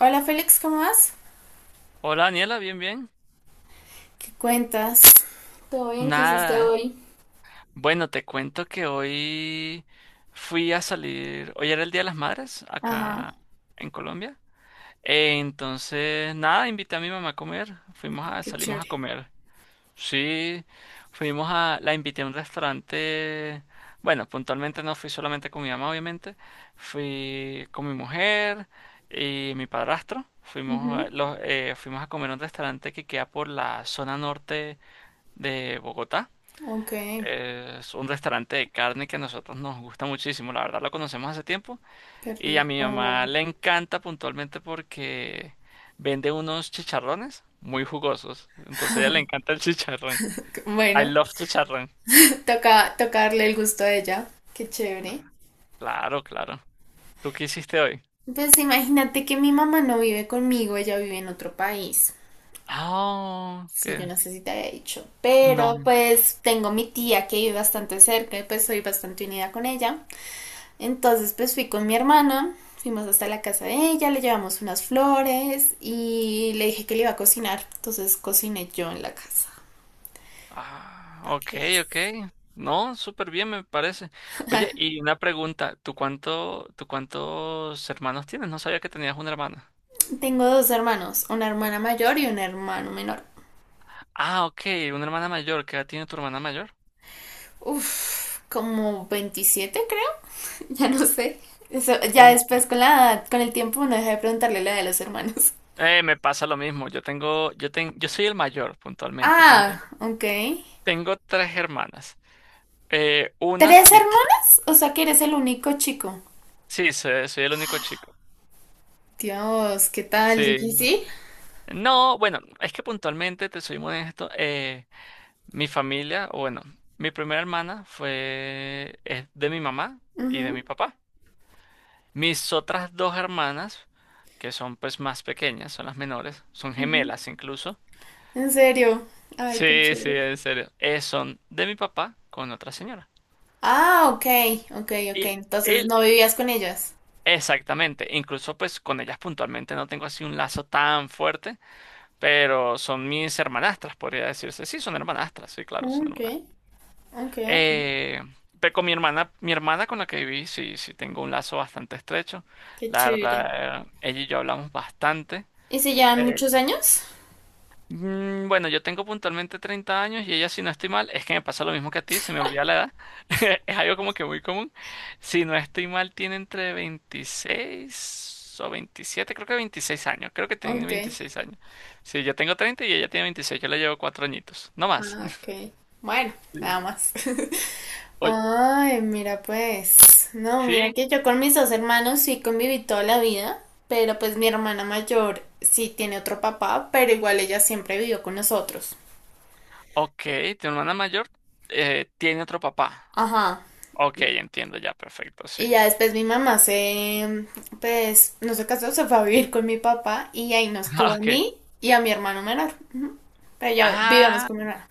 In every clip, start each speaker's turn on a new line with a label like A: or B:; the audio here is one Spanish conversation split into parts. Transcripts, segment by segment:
A: Hola Félix, ¿cómo vas?
B: Hola Daniela, bien, bien.
A: ¿Qué cuentas?
B: Nada. Bueno, te cuento que hoy fui a salir hoy era el Día de las Madres
A: Ajá,
B: acá en Colombia. Entonces, nada, Invité a mi mamá a comer.
A: qué
B: Salimos a
A: chévere.
B: comer. Sí, la invité a un restaurante. Bueno, puntualmente no fui solamente con mi mamá, obviamente. Fui con mi mujer y mi padrastro.
A: Ujú,
B: Fuimos a comer a un restaurante que queda por la zona norte de Bogotá.
A: ok,
B: Es un restaurante de carne que a nosotros nos gusta muchísimo, la verdad lo conocemos hace tiempo,
A: qué
B: y a mi mamá
A: rico.
B: le encanta puntualmente porque vende unos chicharrones muy jugosos, entonces a ella le encanta el chicharrón. I
A: Bueno,
B: love chicharrón.
A: toca, toca darle el gusto a ella. Qué chévere.
B: Claro, claro. ¿Tú qué hiciste hoy?
A: Pues imagínate que mi mamá no vive conmigo, ella vive en otro país.
B: Ah,
A: Sí, yo
B: qué
A: no sé si te había dicho. Pero
B: no.
A: pues tengo mi tía que vive bastante cerca y pues soy bastante unida con ella. Entonces pues fui con mi hermana, fuimos hasta la casa de ella, le llevamos unas flores y le dije que le iba a cocinar. Entonces cociné yo en la casa,
B: Ah,
A: para
B: ok,
A: que
B: ok.
A: veas.
B: No, súper bien me parece. Oye, y una pregunta, ¿ tú cuántos hermanos tienes? No sabía que tenías una hermana.
A: Tengo dos hermanos, una hermana mayor y un hermano menor.
B: Ah, ok, una hermana mayor. ¿Qué edad tiene tu hermana mayor?
A: Uf, como 27, creo, ya no sé. Eso, ya
B: 20.
A: después con el tiempo no dejé de preguntarle la edad de los hermanos.
B: Me pasa lo mismo. Yo soy el mayor puntualmente.
A: Ah, ok.
B: Tengo tres hermanas. Una
A: ¿Tres
B: vive.
A: hermanas? O sea que eres el único chico.
B: Sí, soy el único chico.
A: Dios, ¿qué tal?
B: Sí.
A: Difícil.
B: No, bueno, es que puntualmente, te soy muy honesto, mi familia, o bueno, mi primera hermana fue es de mi mamá y de
A: Ujú,
B: mi papá. Mis otras dos hermanas, que son pues más pequeñas, son las menores, son
A: ujú.
B: gemelas incluso.
A: ¿En serio? Ay, tan
B: Sí, sí,
A: chévere.
B: en serio. Son de mi papá con otra señora.
A: Ah, ok, ok, ok.
B: Y
A: Entonces
B: él,
A: no vivías con ellas.
B: exactamente. Incluso pues con ellas puntualmente no tengo así un lazo tan fuerte, pero son mis hermanastras, podría decirse. Sí, son hermanastras, sí, claro,
A: Ah,
B: son
A: ok,
B: hermanas.
A: ok, ok.
B: Eh, pero con mi hermana con la que viví, sí tengo un lazo bastante estrecho.
A: Qué
B: La
A: chévere.
B: verdad, ella y yo hablamos bastante.
A: ¿Y si llevan
B: eh,
A: muchos años?
B: Bueno, yo tengo puntualmente 30 años y ella, si no estoy mal, es que me pasa lo mismo que a ti, se me olvida la edad. Es algo como que muy común. Si no estoy mal, tiene entre 26 o 27, creo que 26 años. Creo que tiene
A: Ok,
B: 26 años. Sí, yo tengo 30 y ella tiene 26. Yo le llevo cuatro añitos, no más.
A: ah, ok. Bueno,
B: Sí.
A: nada más.
B: Oye,
A: Ay, mira pues. No, mira
B: sí,
A: que yo con mis dos hermanos sí conviví toda la vida, pero pues mi hermana mayor sí tiene otro papá, pero igual ella siempre vivió con nosotros.
B: ok, tu hermana mayor tiene otro papá.
A: Ajá.
B: Ok, entiendo ya, perfecto, sí.
A: Y ya después mi mamá se, pues, no se casó, se fue a vivir con mi papá y ahí nos tuvo
B: Ah,
A: a
B: ok.
A: mí y a mi hermano menor. Ujú. Pero ya vivíamos
B: Ah,
A: con mi hermana.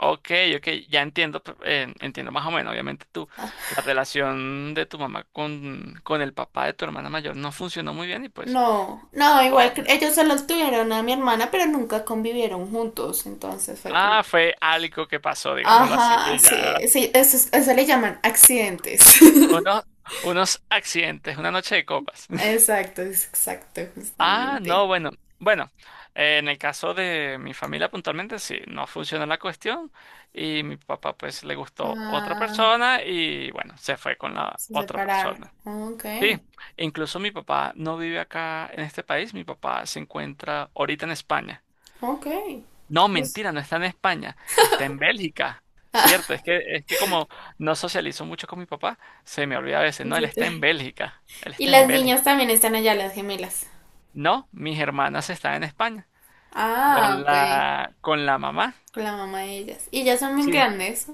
B: ok, ok, ya entiendo, entiendo más o menos. Obviamente tú, la relación de tu mamá con el papá de tu hermana mayor no funcionó muy bien y pues,
A: No, no, igual
B: ah,
A: ellos solo tuvieron a mi hermana, pero nunca convivieron juntos, entonces fue como...
B: ah, fue algo que pasó, digámoslo así.
A: Ajá,
B: Y ya,
A: sí, sí, eso, eso le llaman accidentes.
B: unos, unos accidentes, una noche de copas.
A: Exacto, exacto,
B: Ah, no,
A: justamente.
B: bueno, bueno, en el caso de mi familia puntualmente sí, no funcionó la cuestión y mi papá pues le gustó otra
A: Ah,
B: persona y bueno, se fue con la
A: se
B: otra
A: separaron.
B: persona.
A: Ok,
B: Sí, incluso mi papá no vive acá en este país, mi papá se encuentra ahorita en España.
A: ok.
B: No,
A: Pues,
B: mentira, no está en España, está en Bélgica. Cierto, es que como no socializo mucho con mi papá, se me olvida a veces, no,
A: se te-
B: Él
A: y
B: está en
A: las niñas
B: Bélgica.
A: también están allá, las gemelas.
B: No, mis hermanas están en España,
A: Ah, ok.
B: con la mamá.
A: Con la mamá de ellas. Y ellas son muy
B: Sí,
A: grandes.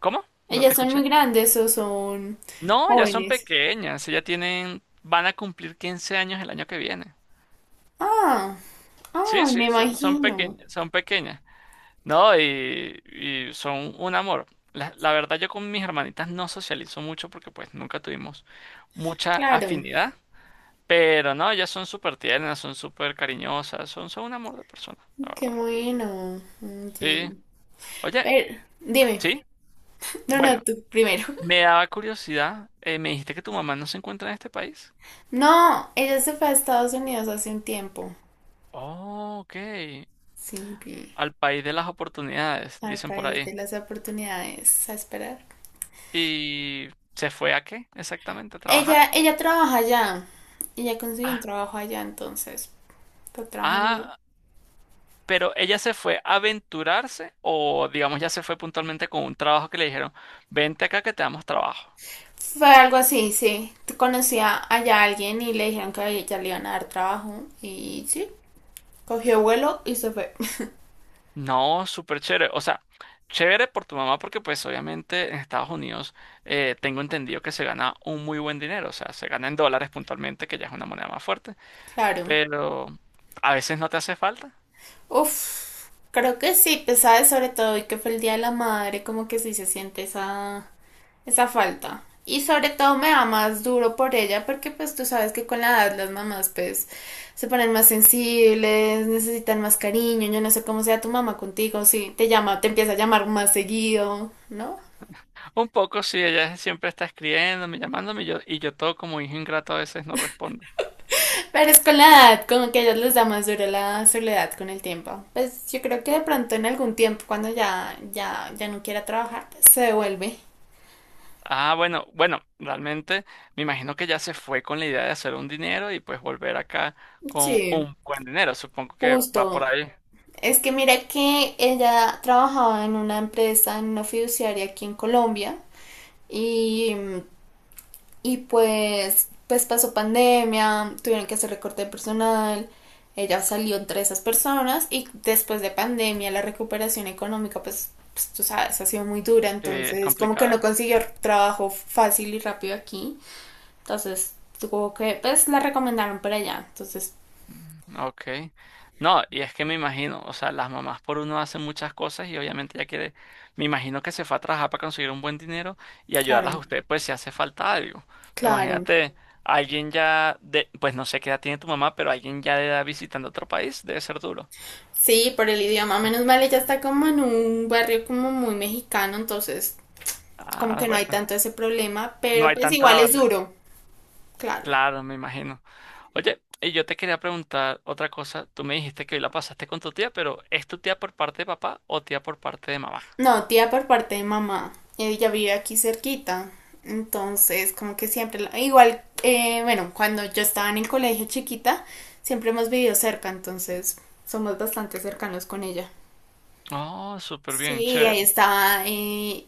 B: ¿cómo? No te
A: ¿Ellas son muy
B: escuché.
A: grandes o son
B: No, ya son
A: jóvenes?
B: pequeñas, ya tienen, van a cumplir 15 años el año que viene.
A: Ah,
B: Sí,
A: ah,
B: sí,
A: me
B: son, son
A: imagino.
B: pequeñas, son pequeñas. No, y son un amor. La verdad, yo con mis hermanitas no socializo mucho porque pues nunca tuvimos mucha
A: Claro,
B: afinidad, pero no, ellas son súper tiernas, son súper cariñosas, son un amor de persona, la
A: qué
B: verdad.
A: bueno. Ok.
B: Sí. Oye,
A: Pero, dime,
B: sí,
A: no, no,
B: bueno,
A: tú primero.
B: me daba curiosidad, me dijiste que tu mamá no se encuentra en este país.
A: No, ella se fue a Estados Unidos hace un tiempo.
B: Oh, ok.
A: Sí, vi,
B: Al país de las oportunidades,
A: al
B: dicen por
A: país
B: ahí.
A: de las oportunidades, a esperar.
B: ¿Y se fue a qué exactamente? ¿A trabajar?
A: Ella trabaja allá. Ella consiguió un
B: Ah,
A: trabajo allá, entonces. Está trabajando ya.
B: ah, pero ella se fue a aventurarse o digamos ya se fue puntualmente con un trabajo que le dijeron, vente acá que te damos trabajo.
A: Fue algo así, sí. Conocía allá a alguien y le dijeron que a ella le iban a dar trabajo y sí, cogió vuelo y se fue.
B: No, súper chévere. O sea, chévere por tu mamá porque pues obviamente en Estados Unidos tengo entendido que se gana un muy buen dinero. O sea, se gana en dólares puntualmente, que ya es una moneda más fuerte.
A: Claro.
B: Pero a veces no te hace falta.
A: Uf, creo que sí, pesada sobre todo, y que fue el Día de la Madre, como que sí se siente esa, esa falta. Y sobre todo me da más duro por ella porque pues tú sabes que con la edad las mamás pues se ponen más sensibles, necesitan más cariño, yo no sé cómo sea tu mamá contigo, si te llama, te empieza a llamar más seguido, ¿no?
B: Un poco sí, ella siempre está escribiéndome, llamándome y yo todo como hijo ingrato a veces no respondo.
A: Pero es con la edad, como que a ellos les da más duro la soledad con el tiempo. Pues yo creo que de pronto en algún tiempo, cuando ya no quiera trabajar, pues se devuelve.
B: Ah, bueno, bueno, realmente me imagino que ya se fue con la idea de hacer un dinero y pues volver acá con
A: Sí.
B: un buen dinero. Supongo que va por
A: Justo.
B: ahí.
A: Es que mira que ella trabajaba en una empresa, en una fiduciaria aquí en Colombia, y mm, Y pues pasó pandemia, tuvieron que hacer recorte de personal, ella salió entre esas personas y después de pandemia la recuperación económica, pues tú sabes, ha sido muy dura,
B: Es
A: entonces como que no
B: complicada.
A: consiguió trabajo fácil y rápido aquí, entonces pues la recomendaron para allá, entonces
B: Ok. No, y es que me imagino, o sea, las mamás por uno hacen muchas cosas y obviamente ya quiere, me imagino que se fue a trabajar para conseguir un buen dinero y ayudarlas a
A: claro,
B: ustedes, pues si hace falta algo.
A: claro.
B: Imagínate, pues no sé qué edad tiene tu mamá, pero alguien ya de edad visitando otro país, debe ser duro.
A: Sí, por el idioma, menos mal ella está como en un barrio como muy mexicano, entonces como
B: Ah,
A: que no hay
B: bueno,
A: tanto ese problema,
B: no
A: pero
B: hay
A: pues
B: tanta
A: igual
B: la
A: es duro, claro.
B: Claro, me imagino. Oye, y yo te quería preguntar otra cosa. Tú me dijiste que hoy la pasaste con tu tía, pero ¿es tu tía por parte de papá o tía por parte de mamá?
A: No, tía por parte de mamá. Ella vive aquí cerquita. Entonces, como que siempre, igual, bueno, cuando yo estaba en el colegio chiquita, siempre hemos vivido cerca, entonces somos bastante cercanos con ella.
B: Oh, súper bien,
A: Sí, ahí
B: chévere.
A: estaba,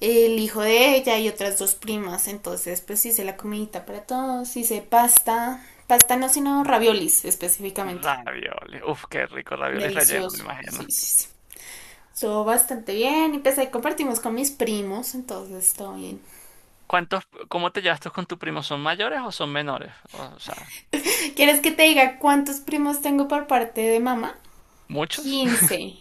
A: el hijo de ella y otras dos primas, entonces pues hice la comidita para todos, hice pasta, pasta no, sino raviolis específicamente.
B: Ravioles. Uf, qué rico, ravioles rellenos,
A: Delicioso,
B: me imagino.
A: sí, sí, sí. Estuvo bastante bien, empecé y compartimos con mis primos, entonces todo bien.
B: ¿ cómo te llevas tú con tu primo? ¿Son mayores o son menores? O sea,
A: ¿Quieres que te diga cuántos primos tengo por parte de mamá?
B: ¿muchos?
A: 15.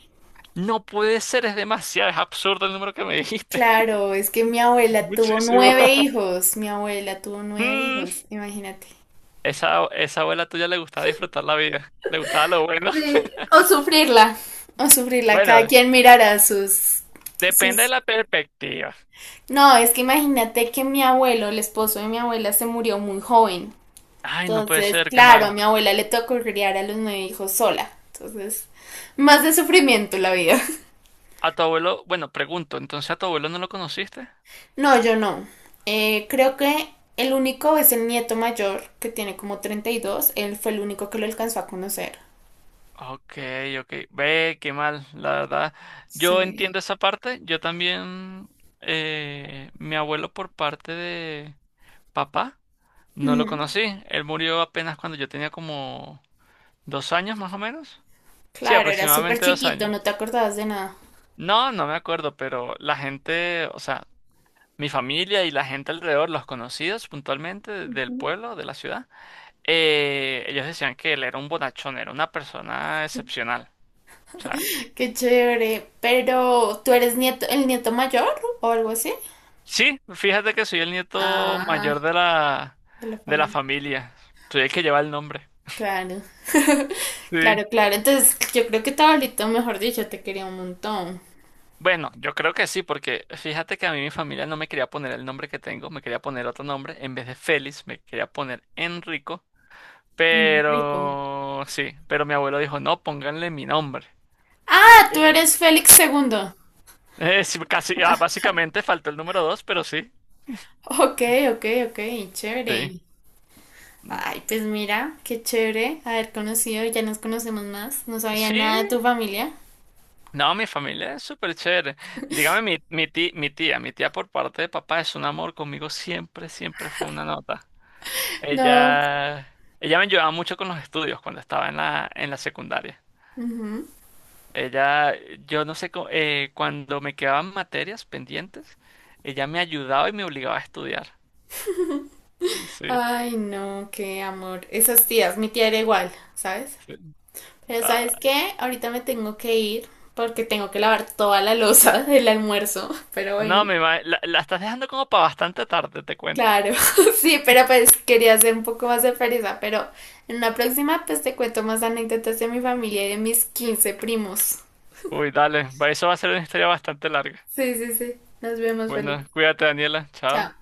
B: No puede ser, es demasiado, es absurdo el número que me dijiste.
A: Claro, es que mi
B: Es
A: abuela tuvo
B: muchísimo.
A: nueve hijos, mi abuela tuvo nueve
B: Mm,
A: hijos, imagínate.
B: esa abuela tuya le gustaba disfrutar la vida, le gustaba lo bueno.
A: Sí. O sufrirla, cada
B: Bueno,
A: quien mirará sus,
B: depende de
A: sus...
B: la perspectiva.
A: No, es que imagínate que mi abuelo, el esposo de mi abuela, se murió muy joven.
B: Ay, no puede
A: Entonces,
B: ser, qué
A: claro, a
B: mal.
A: mi abuela le tocó criar a los 9 hijos sola. Entonces, más de sufrimiento la vida.
B: A tu abuelo, bueno, pregunto, ¿entonces a tu abuelo no lo conociste?
A: No, yo no. Creo que el único es el nieto mayor, que tiene como 32. Él fue el único que lo alcanzó a conocer.
B: Ok, ok. Ve, qué mal, la verdad. Yo
A: Sí.
B: entiendo esa parte. Yo también, mi abuelo por parte de papá, no lo
A: Ujú.
B: conocí. Él murió apenas cuando yo tenía como 2 años más o menos. Sí,
A: Claro, era súper
B: aproximadamente dos
A: chiquito,
B: años.
A: no te acordabas de nada.
B: No, no me acuerdo, pero la gente, o sea, mi familia y la gente alrededor, los conocidos puntualmente del
A: Ujú.
B: pueblo, de la ciudad. Eh, ellos decían que él era un bonachón, era una persona excepcional. O sea,
A: Qué chévere. Pero, ¿tú eres el nieto mayor o algo así?
B: sí, fíjate que soy el nieto mayor
A: Ah, de la
B: de la
A: familia.
B: familia. Soy el que lleva el nombre.
A: Claro.
B: Sí.
A: Claro, claro. Entonces, yo creo que tu abuelito, mejor dicho, te quería un montón.
B: Bueno, yo creo que sí, porque fíjate que a mí mi familia no me quería poner el nombre que tengo, me quería poner otro nombre. En vez de Félix, me quería poner Enrico.
A: Rico.
B: Pero sí, pero mi abuelo dijo, no, pónganle mi nombre.
A: Ah, ¿tú
B: Sí.
A: eres Félix segundo?
B: Sí, casi, ah,
A: Ah,
B: básicamente faltó el número dos, pero sí.
A: ok, ok, ok,
B: Sí.
A: chévere.
B: Mm,
A: Ay, pues mira, qué chévere haber conocido, ya nos conocemos más. No sabía
B: sí,
A: nada de tu familia.
B: no, mi familia es súper chévere. Dígame, mi tía por parte de papá es un amor conmigo, siempre, siempre fue una nota.
A: No.
B: Ella, ella me ayudaba mucho con los estudios cuando estaba en la secundaria.
A: Ujú.
B: Ella, yo no sé, co- cuando me quedaban materias pendientes, ella me ayudaba y me obligaba a estudiar. Sí,
A: Ay, no, qué amor. Esas tías, mi tía era igual, ¿sabes?
B: sí.
A: Pero
B: Ah,
A: ¿sabes qué? Ahorita me tengo que ir porque tengo que lavar toda la loza del almuerzo. Pero
B: no,
A: bueno,
B: la, la estás dejando como para bastante tarde, te cuento.
A: claro, sí, pero pues quería ser un poco más sorpresa, pero en una próxima pues te cuento más anécdotas de mi familia y de mis 15 primos.
B: Uy, dale, eso va a ser una historia bastante larga.
A: Sí, sí, sí. Nos vemos, Felipe.
B: Bueno, cuídate, Daniela,
A: Chao.
B: chao.